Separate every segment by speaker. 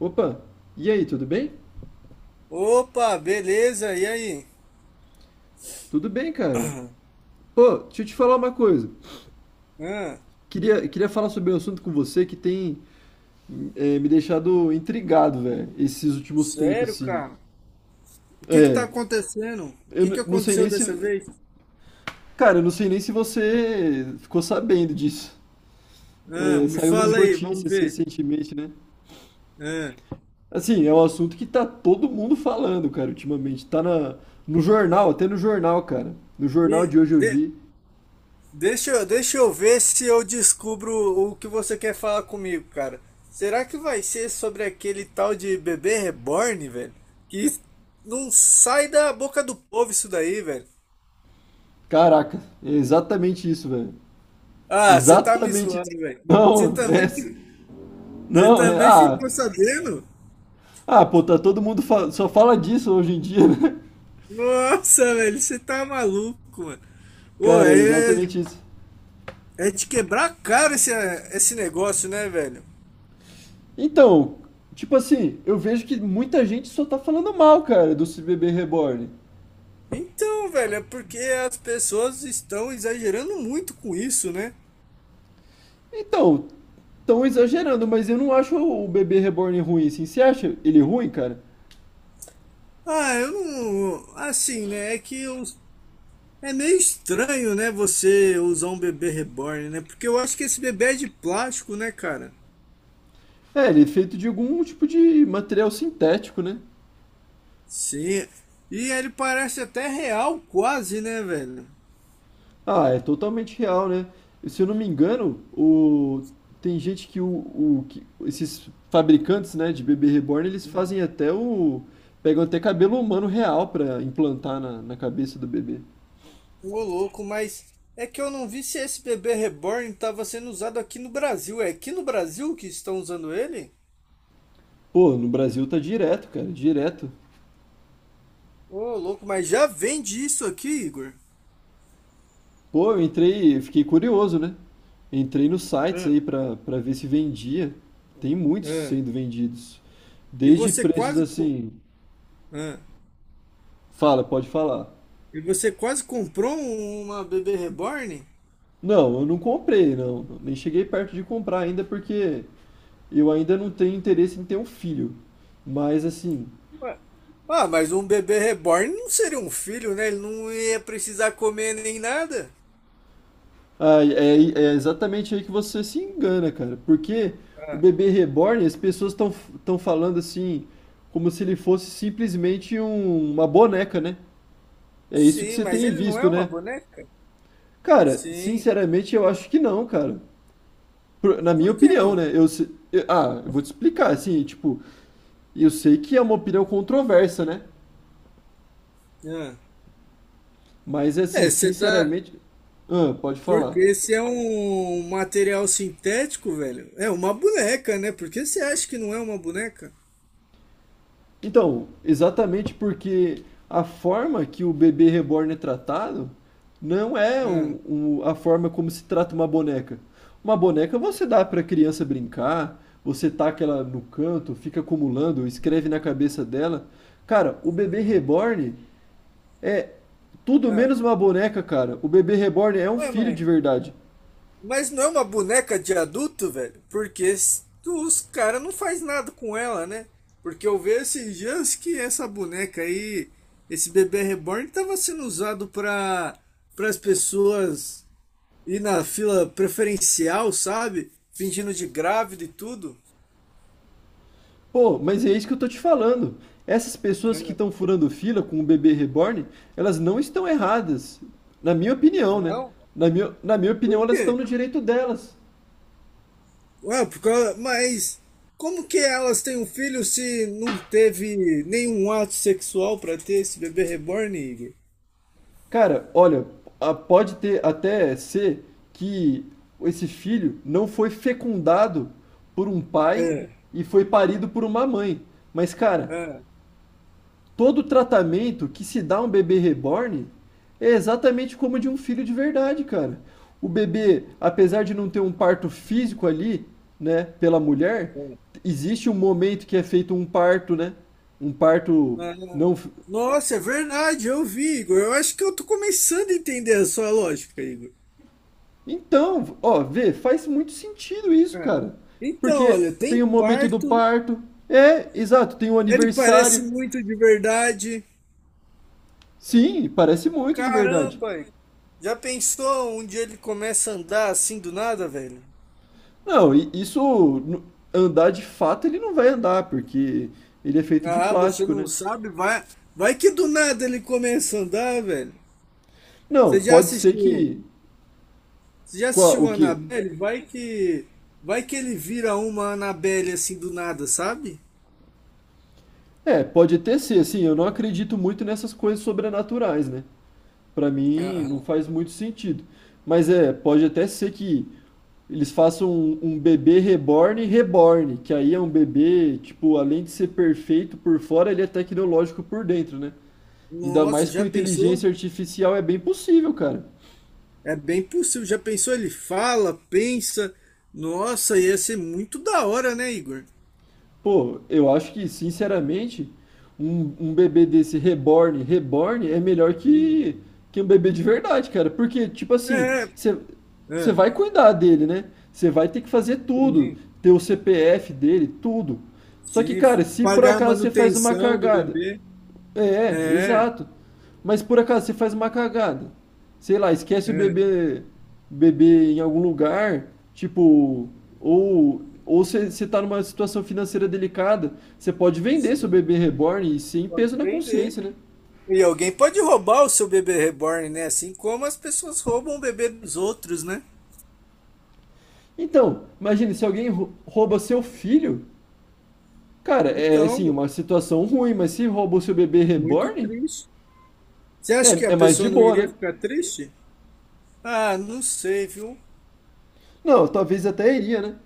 Speaker 1: Opa, e aí, tudo bem?
Speaker 2: Opa, beleza? E aí?
Speaker 1: Tudo bem, cara. Pô, deixa eu te falar uma coisa.
Speaker 2: Hã?
Speaker 1: Queria falar sobre um assunto com você que tem me deixado intrigado, velho, esses últimos tempos,
Speaker 2: Sério,
Speaker 1: assim.
Speaker 2: cara? O que que tá
Speaker 1: É,
Speaker 2: acontecendo? O que que
Speaker 1: não sei
Speaker 2: aconteceu
Speaker 1: nem se.
Speaker 2: dessa vez?
Speaker 1: Cara, eu não sei nem se você ficou sabendo disso.
Speaker 2: Hã?
Speaker 1: É,
Speaker 2: Me
Speaker 1: saiu nas
Speaker 2: fala aí, vamos
Speaker 1: notícias
Speaker 2: ver.
Speaker 1: recentemente, né?
Speaker 2: Hã?
Speaker 1: Assim, é um assunto que tá todo mundo falando, cara, ultimamente. No jornal, até no jornal, cara. No jornal
Speaker 2: me-
Speaker 1: de hoje eu
Speaker 2: de-
Speaker 1: vi.
Speaker 2: Deixa, deixa eu ver se eu descubro o que você quer falar comigo, cara. Será que vai ser sobre aquele tal de bebê reborn, velho? Que não sai da boca do povo isso daí, velho.
Speaker 1: Caraca, é exatamente isso, velho.
Speaker 2: Ah, você tá me
Speaker 1: Exatamente.
Speaker 2: zoando, velho. Você
Speaker 1: Não,
Speaker 2: também,
Speaker 1: é,
Speaker 2: você
Speaker 1: não, é,
Speaker 2: também
Speaker 1: ah,
Speaker 2: ficou sabendo?
Speaker 1: ah, pô, tá todo mundo só fala disso hoje em dia, né?
Speaker 2: Nossa, velho, você tá maluco, mano. Ô,
Speaker 1: Cara, é
Speaker 2: é,
Speaker 1: exatamente isso.
Speaker 2: é de quebrar a cara, esse negócio, né, velho?
Speaker 1: Então, tipo assim, eu vejo que muita gente só tá falando mal, cara, do bebê reborn.
Speaker 2: Então, velho, é porque as pessoas estão exagerando muito com isso, né?
Speaker 1: Então, tão exagerando, mas eu não acho o bebê reborn ruim, assim. Você acha ele ruim, cara?
Speaker 2: Ah, eu não. Assim, né? É meio estranho, né, você usar um bebê reborn, né? Porque eu acho que esse bebê é de plástico, né, cara?
Speaker 1: É, ele é feito de algum tipo de material sintético, né?
Speaker 2: Sim. E ele parece até real, quase, né, velho?
Speaker 1: Ah, é totalmente real, né? Se eu não me engano, tem gente que esses fabricantes, né, de bebê reborn, eles fazem até pegam até cabelo humano real pra implantar na cabeça do bebê.
Speaker 2: Ô louco, mas é que eu não vi se esse bebê reborn estava sendo usado aqui no Brasil. É aqui no Brasil que estão usando ele?
Speaker 1: Pô, no Brasil tá direto, cara, direto.
Speaker 2: Ô louco, mas já vende isso aqui, Igor?
Speaker 1: Pô, eu entrei, eu fiquei curioso, né? Entrei nos sites
Speaker 2: Ah,
Speaker 1: aí pra ver se vendia. Tem muitos
Speaker 2: ah.
Speaker 1: sendo vendidos.
Speaker 2: E
Speaker 1: Desde
Speaker 2: você
Speaker 1: preços
Speaker 2: quase co-
Speaker 1: assim...
Speaker 2: ah.
Speaker 1: Fala, pode falar.
Speaker 2: E você quase comprou uma bebê reborn?
Speaker 1: Não, eu não comprei, não. Nem cheguei perto de comprar ainda porque eu ainda não tenho interesse em ter um filho. Mas assim,
Speaker 2: Ué, ah, mas um bebê reborn não seria um filho, né? Ele não ia precisar comer nem nada.
Speaker 1: é, é exatamente aí que você se engana, cara. Porque o
Speaker 2: Ah,
Speaker 1: bebê reborn, as pessoas estão falando assim, como se ele fosse simplesmente uma boneca, né? É isso que
Speaker 2: sim,
Speaker 1: você
Speaker 2: mas
Speaker 1: tem
Speaker 2: ele não é
Speaker 1: visto,
Speaker 2: uma
Speaker 1: né?
Speaker 2: boneca?
Speaker 1: Cara,
Speaker 2: Sim.
Speaker 1: sinceramente eu acho que não, cara. Na minha
Speaker 2: Por que
Speaker 1: opinião,
Speaker 2: não?
Speaker 1: né? Eu, se- eu- ah, eu vou te explicar, assim, tipo, eu sei que é uma opinião controversa, né?
Speaker 2: Ah.
Speaker 1: Mas assim,
Speaker 2: É, você tá.
Speaker 1: sinceramente, ah, pode falar.
Speaker 2: Porque esse é um material sintético, velho. É uma boneca, né? Por que você acha que não é uma boneca?
Speaker 1: Então, exatamente porque a forma que o bebê reborn é tratado não é
Speaker 2: Hum.
Speaker 1: a forma como se trata uma boneca. Uma boneca você dá para a criança brincar, você taca ela no canto, fica acumulando, escreve na cabeça dela. Cara, o bebê reborn é tudo
Speaker 2: Ah.
Speaker 1: menos uma boneca, cara. O bebê reborn é um
Speaker 2: Ué,
Speaker 1: filho de verdade.
Speaker 2: mas não é uma boneca de adulto, velho? Porque os caras não faz nada com ela, né? Porque eu vejo esses dias que essa boneca aí, esse bebê reborn, tava sendo usado para as pessoas ir na fila preferencial, sabe? Fingindo de grávida e tudo.
Speaker 1: Pô, mas é isso que eu tô te falando. Essas pessoas que
Speaker 2: É.
Speaker 1: estão furando fila com o bebê reborn, elas não estão erradas. Na minha opinião, né?
Speaker 2: Não?
Speaker 1: Na minha
Speaker 2: Por
Speaker 1: opinião, elas
Speaker 2: quê?
Speaker 1: estão no direito delas.
Speaker 2: Mas como que elas têm um filho se não teve nenhum ato sexual pra ter esse bebê reborn, Igor?
Speaker 1: Cara, olha, pode ter até ser que esse filho não foi fecundado por um pai
Speaker 2: É,
Speaker 1: e foi parido por uma mãe. Mas, cara,
Speaker 2: é,
Speaker 1: todo tratamento que se dá a um bebê reborn é exatamente como de um filho de verdade, cara. O bebê, apesar de não ter um parto físico ali, né, pela mulher,
Speaker 2: é.
Speaker 1: existe um momento que é feito um parto, né? Um parto
Speaker 2: Ah,
Speaker 1: não. f-
Speaker 2: nossa, é verdade, eu vi, Igor. Eu acho que eu tô começando a entender a sua lógica, Igor.
Speaker 1: Então, ó, vê, faz muito sentido isso,
Speaker 2: É.
Speaker 1: cara.
Speaker 2: Então,
Speaker 1: Porque
Speaker 2: olha,
Speaker 1: tem
Speaker 2: tem
Speaker 1: o momento do
Speaker 2: parto,
Speaker 1: parto. É, exato, tem o
Speaker 2: ele parece
Speaker 1: aniversário.
Speaker 2: muito de verdade.
Speaker 1: Sim, parece muito de verdade.
Speaker 2: Caramba, Igor. Já pensou um dia ele começa a andar assim do nada, velho?
Speaker 1: Não, e isso n- andar de fato ele não vai andar, porque ele é feito de
Speaker 2: Ah, você
Speaker 1: plástico, né?
Speaker 2: não sabe? Vai que do nada ele começa a andar, velho.
Speaker 1: Não,
Speaker 2: Você já
Speaker 1: pode ser
Speaker 2: assistiu?
Speaker 1: que
Speaker 2: Você já
Speaker 1: com
Speaker 2: assistiu
Speaker 1: o que
Speaker 2: Annabelle? Vai que ele vira uma Annabelle assim do nada, sabe?
Speaker 1: É, pode até ser, assim, eu não acredito muito nessas coisas sobrenaturais, né? Pra mim não
Speaker 2: Aham.
Speaker 1: faz muito sentido. Mas é, pode até ser que eles façam um bebê reborn reborn, que aí é um bebê, tipo, além de ser perfeito por fora, ele é tecnológico por dentro, né? Ainda
Speaker 2: Nossa,
Speaker 1: mais com
Speaker 2: já
Speaker 1: inteligência
Speaker 2: pensou?
Speaker 1: artificial é bem possível, cara.
Speaker 2: É bem possível. Já pensou? Ele fala, pensa. Nossa, ia ser muito da hora, né, Igor?
Speaker 1: Pô, eu acho que, sinceramente, um bebê desse reborn, reborn é melhor
Speaker 2: Hum.
Speaker 1: que um bebê de verdade, cara. Porque, tipo assim,
Speaker 2: É, é,
Speaker 1: você vai cuidar dele, né? Você vai ter que fazer tudo,
Speaker 2: sim,
Speaker 1: ter o CPF dele, tudo. Só que,
Speaker 2: sim.
Speaker 1: cara, se por
Speaker 2: Pagar a
Speaker 1: acaso você faz uma
Speaker 2: manutenção do
Speaker 1: cagada,
Speaker 2: bebê.
Speaker 1: é, é,
Speaker 2: É,
Speaker 1: exato. Mas por acaso você faz uma cagada. Sei lá, esquece o
Speaker 2: é,
Speaker 1: bebê, bebê em algum lugar, tipo, ou ou você tá numa situação financeira delicada, você pode vender seu
Speaker 2: sim.
Speaker 1: bebê reborn e sem
Speaker 2: Pode
Speaker 1: peso na
Speaker 2: vender.
Speaker 1: consciência, né?
Speaker 2: E alguém pode roubar o seu bebê reborn, né? Assim como as pessoas roubam o bebê dos outros, né?
Speaker 1: Então, imagine se alguém rouba seu filho, cara, assim,
Speaker 2: Então,
Speaker 1: uma situação ruim, mas se rouba o seu bebê
Speaker 2: muito
Speaker 1: reborn,
Speaker 2: triste. Você acha
Speaker 1: é,
Speaker 2: que a
Speaker 1: é mais de
Speaker 2: pessoa não
Speaker 1: boa,
Speaker 2: iria
Speaker 1: né?
Speaker 2: ficar triste? Ah, não sei, viu?
Speaker 1: Não, talvez até iria, né?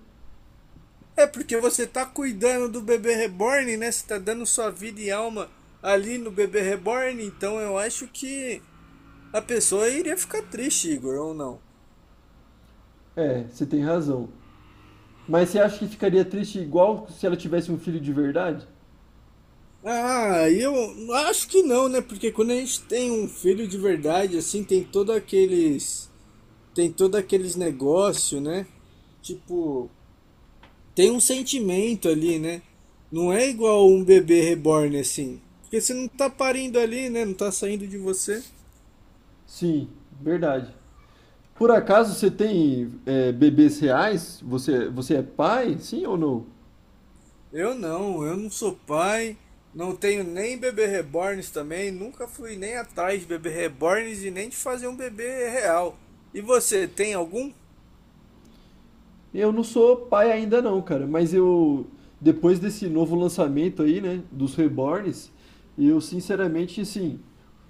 Speaker 2: É porque você tá cuidando do bebê reborn, né? Você tá dando sua vida e alma ali no bebê reborn, então eu acho que a pessoa iria ficar triste, Igor, ou não?
Speaker 1: É, você tem razão. Mas você acha que ficaria triste igual se ela tivesse um filho de verdade?
Speaker 2: Ah, eu acho que não, né? Porque quando a gente tem um filho de verdade, assim, tem todo aqueles negócio, né? Tipo, tem um sentimento ali, né? Não é igual um bebê reborn assim, porque você não tá parindo ali, né? Não tá saindo de você.
Speaker 1: Sim, verdade. Por acaso você tem bebês reais? Você é pai? Sim ou não?
Speaker 2: Eu não sou pai, não tenho nem bebê reborns também, nunca fui nem atrás de bebê reborns e nem de fazer um bebê real. E você tem algum?
Speaker 1: Eu não sou pai ainda não, cara, mas eu depois desse novo lançamento aí, né, dos Reborns, eu sinceramente assim,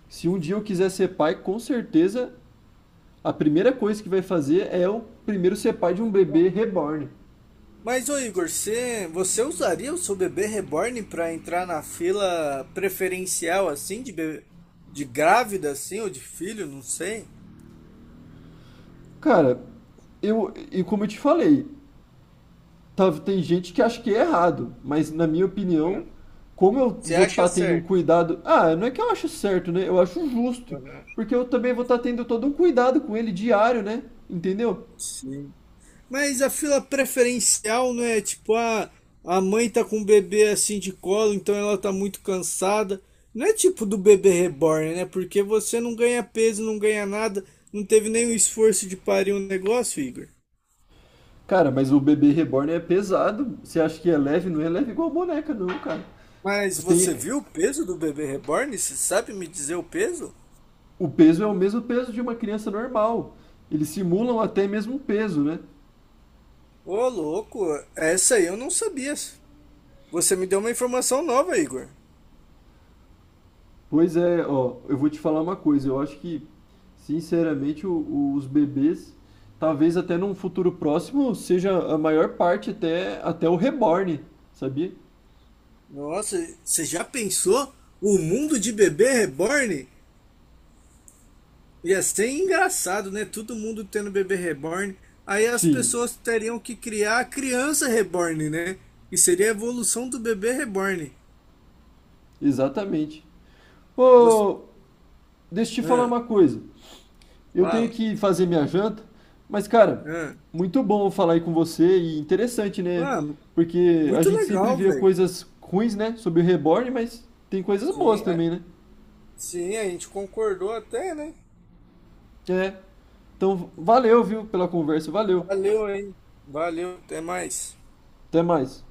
Speaker 1: se um dia eu quiser ser pai, com certeza a primeira coisa que vai fazer é eu primeiro ser pai de um bebê reborn.
Speaker 2: Mas, ô Igor, você usaria o seu bebê reborn para entrar na fila preferencial, assim, de bebê, de grávida, assim, ou de filho, não sei?
Speaker 1: Cara, eu e como eu te falei, tem gente que acha que é errado, mas na minha
Speaker 2: É.
Speaker 1: opinião, como eu
Speaker 2: Você
Speaker 1: vou
Speaker 2: acha
Speaker 1: estar tendo um
Speaker 2: certo?
Speaker 1: cuidado. Ah, não é que eu acho certo, né? Eu acho justo.
Speaker 2: Aham.
Speaker 1: Porque eu também vou estar tendo todo um cuidado com ele diário, né? Entendeu?
Speaker 2: Sim. Mas a fila preferencial não é tipo, ah, a mãe tá com o bebê assim de colo, então ela tá muito cansada. Não é tipo do bebê reborn, né? Porque você não ganha peso, não ganha nada, não teve nenhum esforço de parir um negócio, Igor.
Speaker 1: Cara, mas o bebê reborn é pesado. Você acha que é leve? Não é leve igual a boneca, não, cara.
Speaker 2: Mas você
Speaker 1: Tem,
Speaker 2: viu o peso do bebê reborn? Você sabe me dizer o peso?
Speaker 1: o peso é o mesmo peso de uma criança normal. Eles simulam até mesmo peso, né?
Speaker 2: Ô, louco, essa aí eu não sabia. Você me deu uma informação nova, Igor.
Speaker 1: Pois é, ó, eu vou te falar uma coisa. Eu acho que, sinceramente, os bebês, talvez até num futuro próximo, seja a maior parte até, até o reborn, sabia?
Speaker 2: Nossa, você já pensou? O mundo de bebê reborn? Ia ser engraçado, né? Todo mundo tendo bebê reborn. Aí as
Speaker 1: Sim,
Speaker 2: pessoas teriam que criar a criança reborn, né? E seria a evolução do bebê reborn.
Speaker 1: exatamente.
Speaker 2: Você...
Speaker 1: Ô, deixa eu te falar
Speaker 2: Ah,
Speaker 1: uma coisa. Eu tenho
Speaker 2: fala.
Speaker 1: que fazer minha janta, mas, cara,
Speaker 2: Ah,
Speaker 1: muito bom falar aí com você e interessante, né?
Speaker 2: ah,
Speaker 1: Porque a
Speaker 2: muito
Speaker 1: gente sempre
Speaker 2: legal,
Speaker 1: vê
Speaker 2: velho.
Speaker 1: coisas ruins, né, sobre o reborn, mas tem coisas boas
Speaker 2: Sim,
Speaker 1: também, né?
Speaker 2: sim, a gente concordou até, né?
Speaker 1: É. Então, valeu, viu, pela conversa. Valeu.
Speaker 2: Valeu aí. Valeu, até mais.
Speaker 1: Até mais.